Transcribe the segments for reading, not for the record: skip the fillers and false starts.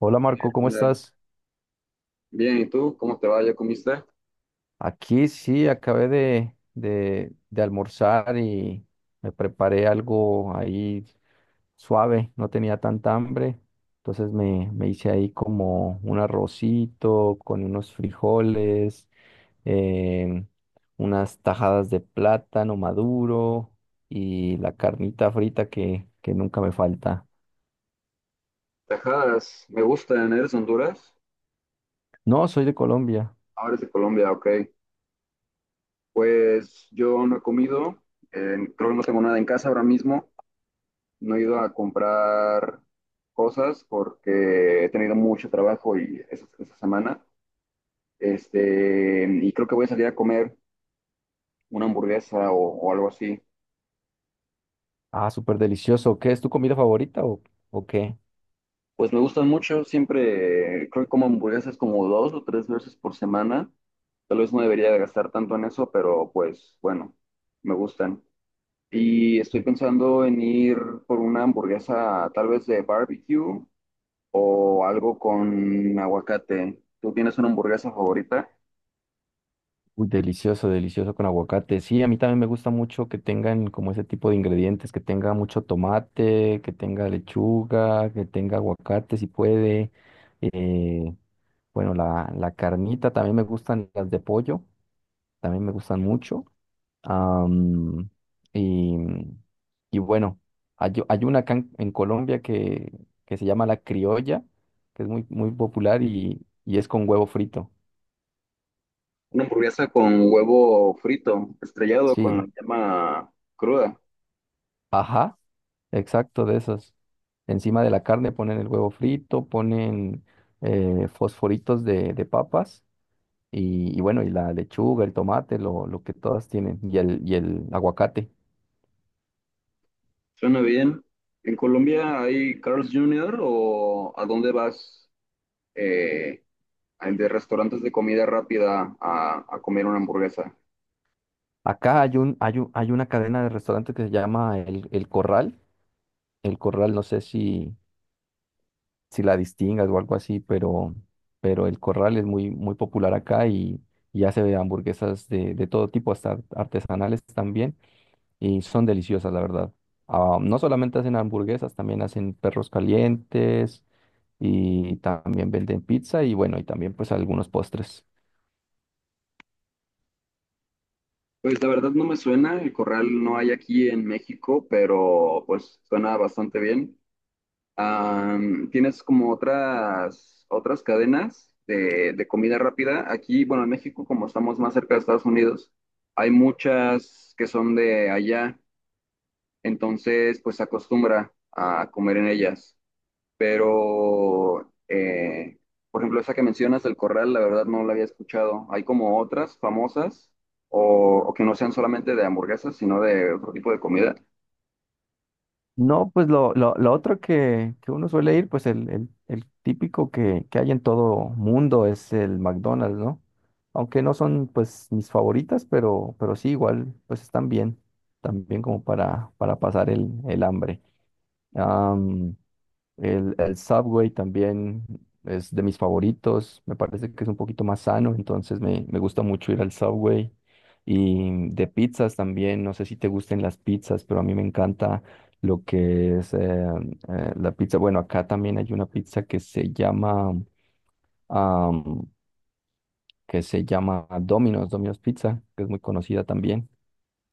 Hola Marco, ¿cómo Mira, estás? bien, ¿y tú? ¿Cómo te va? ¿Ya comiste? Aquí sí, acabé de almorzar y me preparé algo ahí suave, no tenía tanta hambre, entonces me hice ahí como un arrocito con unos frijoles, em, unas tajadas de plátano maduro y la carnita frita que nunca me falta. Tajadas, me gustan, ¿eres de Honduras? No, soy de Colombia. Ahora eres de Colombia, ok. Pues yo no he comido, creo que no tengo nada en casa ahora mismo, no he ido a comprar cosas porque he tenido mucho trabajo y esa semana, y creo que voy a salir a comer una hamburguesa o algo así. Ah, súper delicioso. ¿Qué es tu comida favorita o qué? Pues me gustan mucho, siempre creo que como hamburguesas como dos o tres veces por semana. Tal vez no debería de gastar tanto en eso, pero pues bueno, me gustan. Y estoy pensando en ir por una hamburguesa tal vez de barbecue o algo con aguacate. ¿Tú tienes una hamburguesa favorita? Uy, delicioso, delicioso con aguacate. Sí, a mí también me gusta mucho que tengan como ese tipo de ingredientes, que tenga mucho tomate, que tenga lechuga, que tenga aguacate si puede. eh, bueno, la carnita, también me gustan las de pollo, también me gustan mucho. am, y, y bueno, hay una acá en Colombia que se llama la criolla, que es muy, muy popular y es con huevo frito. Una hamburguesa con huevo frito, estrellado con Sí, la llama cruda. ajá. Exacto, de esas. Encima de la carne ponen el huevo frito, ponen fosforitos de papas y bueno, y la lechuga, el tomate, lo que todas tienen, y el aguacate. Suena bien. ¿En Colombia hay Carl's Jr. o a dónde vas? eh, el de restaurantes de comida rápida a comer una hamburguesa. Acá hay un, hay una cadena de restaurantes que se llama El Corral. El Corral, no sé si, si la distingas o algo así, pero El Corral es muy, muy popular acá y hace hamburguesas de todo tipo, hasta artesanales también. Y son deliciosas, la verdad. Ah, no solamente hacen hamburguesas, también hacen perros calientes y también venden pizza y bueno, y también pues algunos postres. Pues la verdad no me suena, el corral no hay aquí en México, pero pues suena bastante bien. Am, ¿tienes como otras cadenas de comida rápida? Aquí, bueno, en México, como estamos más cerca de Estados Unidos, hay muchas que son de allá, entonces pues se acostumbra a comer en ellas. Pero, por ejemplo, esa que mencionas del corral, la verdad no la había escuchado. Hay como otras famosas o que no sean solamente de hamburguesas, sino de otro tipo de comida. No, pues lo otro que uno suele ir, pues el típico que hay en todo mundo es el McDonald's, ¿no? Aunque no son pues mis favoritas, pero sí, igual pues están bien, también como para pasar el hambre. Am, el Subway también es de mis favoritos. Me parece que es un poquito más sano, entonces me gusta mucho ir al Subway. Y de pizzas también, no sé si te gusten las pizzas, pero a mí me encanta lo que es la pizza. Bueno, acá también hay una pizza que se llama, am, que se llama Domino's, Domino's Pizza, que es muy conocida también.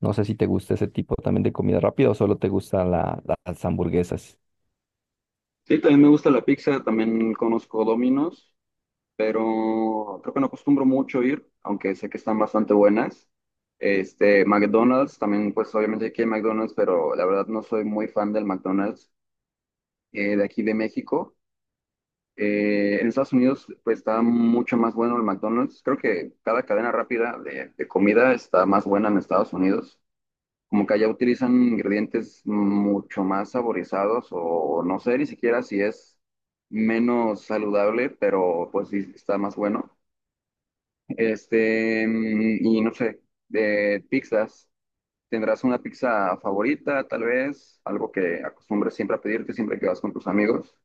No sé si te gusta ese tipo también de comida rápida o solo te gustan las hamburguesas. Sí, también me gusta la pizza, también conozco Domino's, pero creo que no acostumbro mucho ir, aunque sé que están bastante buenas. McDonald's, también pues obviamente aquí hay McDonald's, pero la verdad no soy muy fan del McDonald's, de aquí de México. En Estados Unidos pues está mucho más bueno el McDonald's. Creo que cada cadena rápida de comida está más buena en Estados Unidos. Como que allá utilizan ingredientes mucho más saborizados o no sé ni siquiera si es menos saludable, pero pues sí está más bueno. Y no sé, de pizzas, ¿tendrás una pizza favorita tal vez? Algo que acostumbres siempre a pedirte siempre que vas con tus amigos.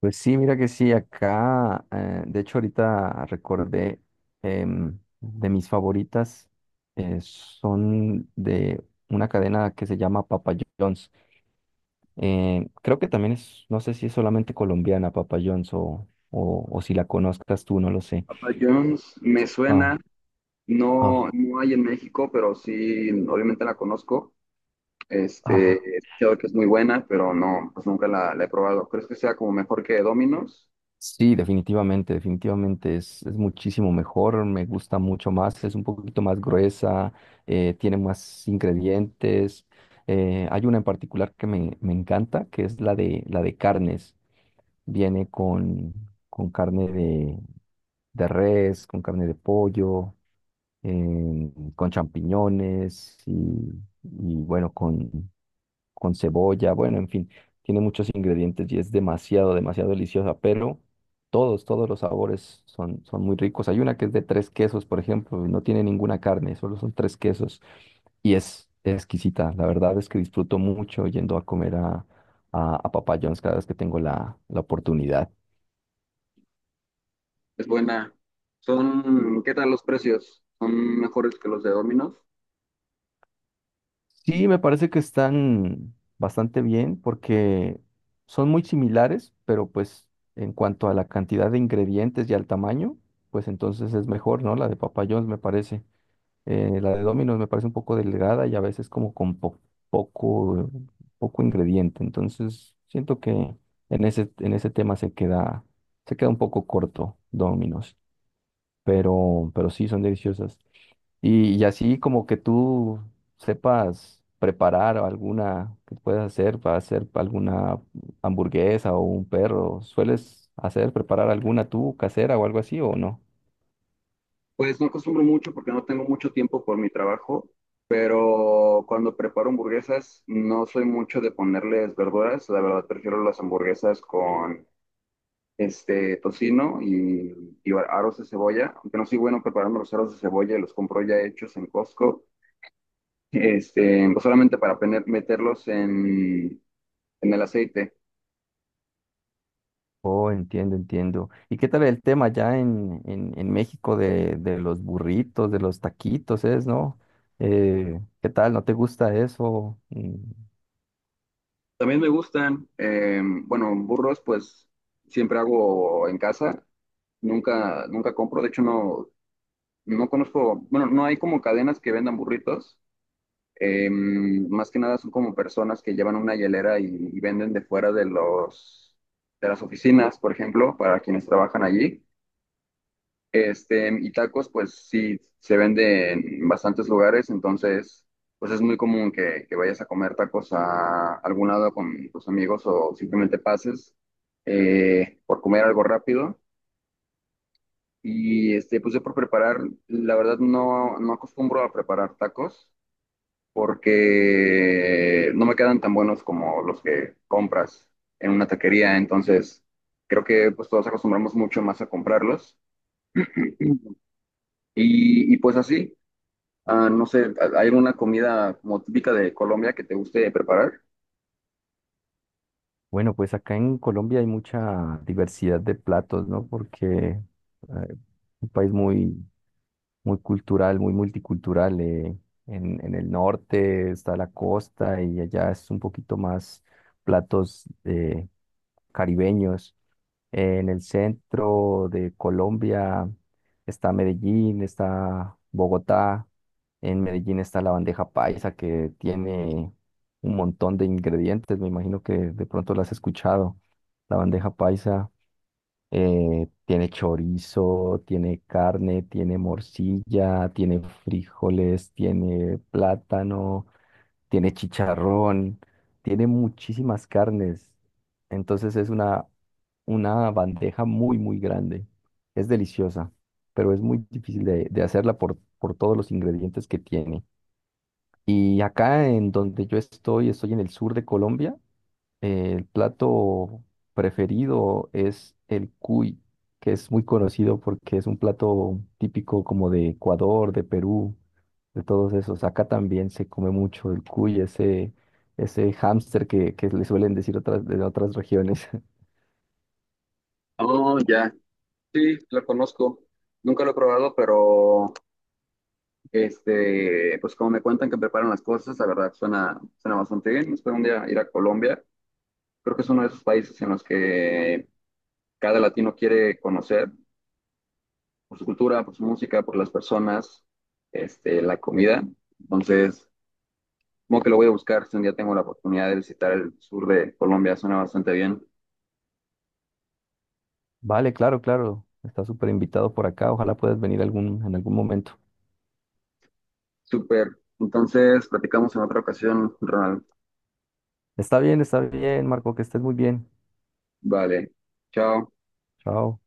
Pues sí, mira que sí, acá, de hecho ahorita recordé de mis favoritas, son de una cadena que se llama Papa John's. Creo que también es, no sé si es solamente colombiana Papa John's o si la conozcas tú, no lo sé. Papa John's me suena. Ah, No, ah, no hay en México, pero sí, obviamente la conozco. ah. He escuchado que es muy buena, pero no, pues nunca la he probado. ¿Crees que sea como mejor que Domino's? Sí, definitivamente, definitivamente es muchísimo mejor, me gusta mucho más, es un poquito más gruesa, tiene más ingredientes. Hay una en particular que me encanta, que es la de carnes. Viene con carne de res, con carne de pollo, con champiñones y bueno, con cebolla, bueno, en fin, tiene muchos ingredientes y es demasiado, demasiado deliciosa, pero todos los sabores son muy ricos. Hay una que es de tres quesos, por ejemplo, y no tiene ninguna carne, solo son tres quesos y es exquisita. La verdad es que disfruto mucho yendo a comer a Papa John's cada vez que tengo la oportunidad. Es buena. Son, ¿qué tal los precios? ¿Son mejores que los de Domino's? Sí, me parece que están bastante bien porque son muy similares, pero pues en cuanto a la cantidad de ingredientes y al tamaño, pues entonces es mejor, ¿no? La de Papa John's me parece. La de Domino's me parece un poco delgada y a veces como con poco, poco ingrediente. Entonces siento que en ese tema se queda un poco corto Domino's, pero sí son deliciosas. Y así como que tú sepas preparar alguna que puedas hacer para hacer alguna hamburguesa o un perro, ¿sueles hacer preparar alguna tú casera o algo así o no? Pues no acostumbro mucho porque no tengo mucho tiempo por mi trabajo, pero cuando preparo hamburguesas no soy mucho de ponerles verduras. La verdad prefiero las hamburguesas con tocino y aros de cebolla, aunque no soy bueno preparando los aros de cebolla, los compro ya hechos en Costco, pues solamente para meterlos en el aceite. Oh, entiendo, entiendo. ¿Y qué tal el tema ya en, en México de los burritos, de los taquitos, es, ¿no? ¿Qué tal? ¿No te gusta eso? Mm. También me gustan, bueno, burros pues siempre hago en casa, nunca compro, de hecho no conozco, bueno, no hay como cadenas que vendan burritos. Más que nada son como personas que llevan una hielera y venden de fuera de los de las oficinas, por ejemplo, para quienes trabajan allí. Y tacos, pues sí, se vende en bastantes lugares, entonces, pues es muy común que vayas a comer tacos a algún lado con tus amigos o simplemente pases por comer algo rápido. Y pues yo por preparar, la verdad no acostumbro a preparar tacos, porque no me quedan tan buenos como los que compras en una taquería, entonces creo que pues todos acostumbramos mucho más a comprarlos. Pues así, ah, no sé, ¿hay alguna comida como típica de Colombia que te guste preparar? Bueno, pues acá en Colombia hay mucha diversidad de platos, ¿no? Porque eh, un país muy muy cultural, muy multicultural. En el norte está la costa y allá es un poquito más platos caribeños. En el centro de Colombia está Medellín, está Bogotá. En Medellín está la bandeja paisa que tiene un montón de ingredientes. Me imagino que de pronto la has escuchado. La bandeja paisa tiene chorizo, tiene carne, tiene morcilla, tiene frijoles, tiene plátano, tiene chicharrón, tiene muchísimas carnes. Entonces es una bandeja muy, muy grande. Es deliciosa, pero es muy difícil de hacerla por todos los ingredientes que tiene. Y acá en donde yo estoy, estoy en el sur de Colombia. El plato preferido es el cuy, que es muy conocido porque es un plato típico como de Ecuador, de Perú, de todos esos. Acá también se come mucho el cuy, ese hámster que le suelen decir otras, de otras regiones. Oh, ya, sí, lo conozco. Nunca lo he probado, pero pues como me cuentan que preparan las cosas, la verdad suena bastante bien. Espero un día ir a Colombia. Creo que es uno de esos países en los que cada latino quiere conocer, por su cultura, por su música, por las personas, la comida. Entonces, como que lo voy a buscar si un día tengo la oportunidad de visitar el sur de Colombia, suena bastante bien. Vale, claro, claro. Estás súper invitado por acá. Ojalá puedas venir algún, en algún momento. Súper. Entonces, platicamos en otra ocasión, Ronald. Está bien, Marco, que estés muy bien. Vale. Chao. Chao.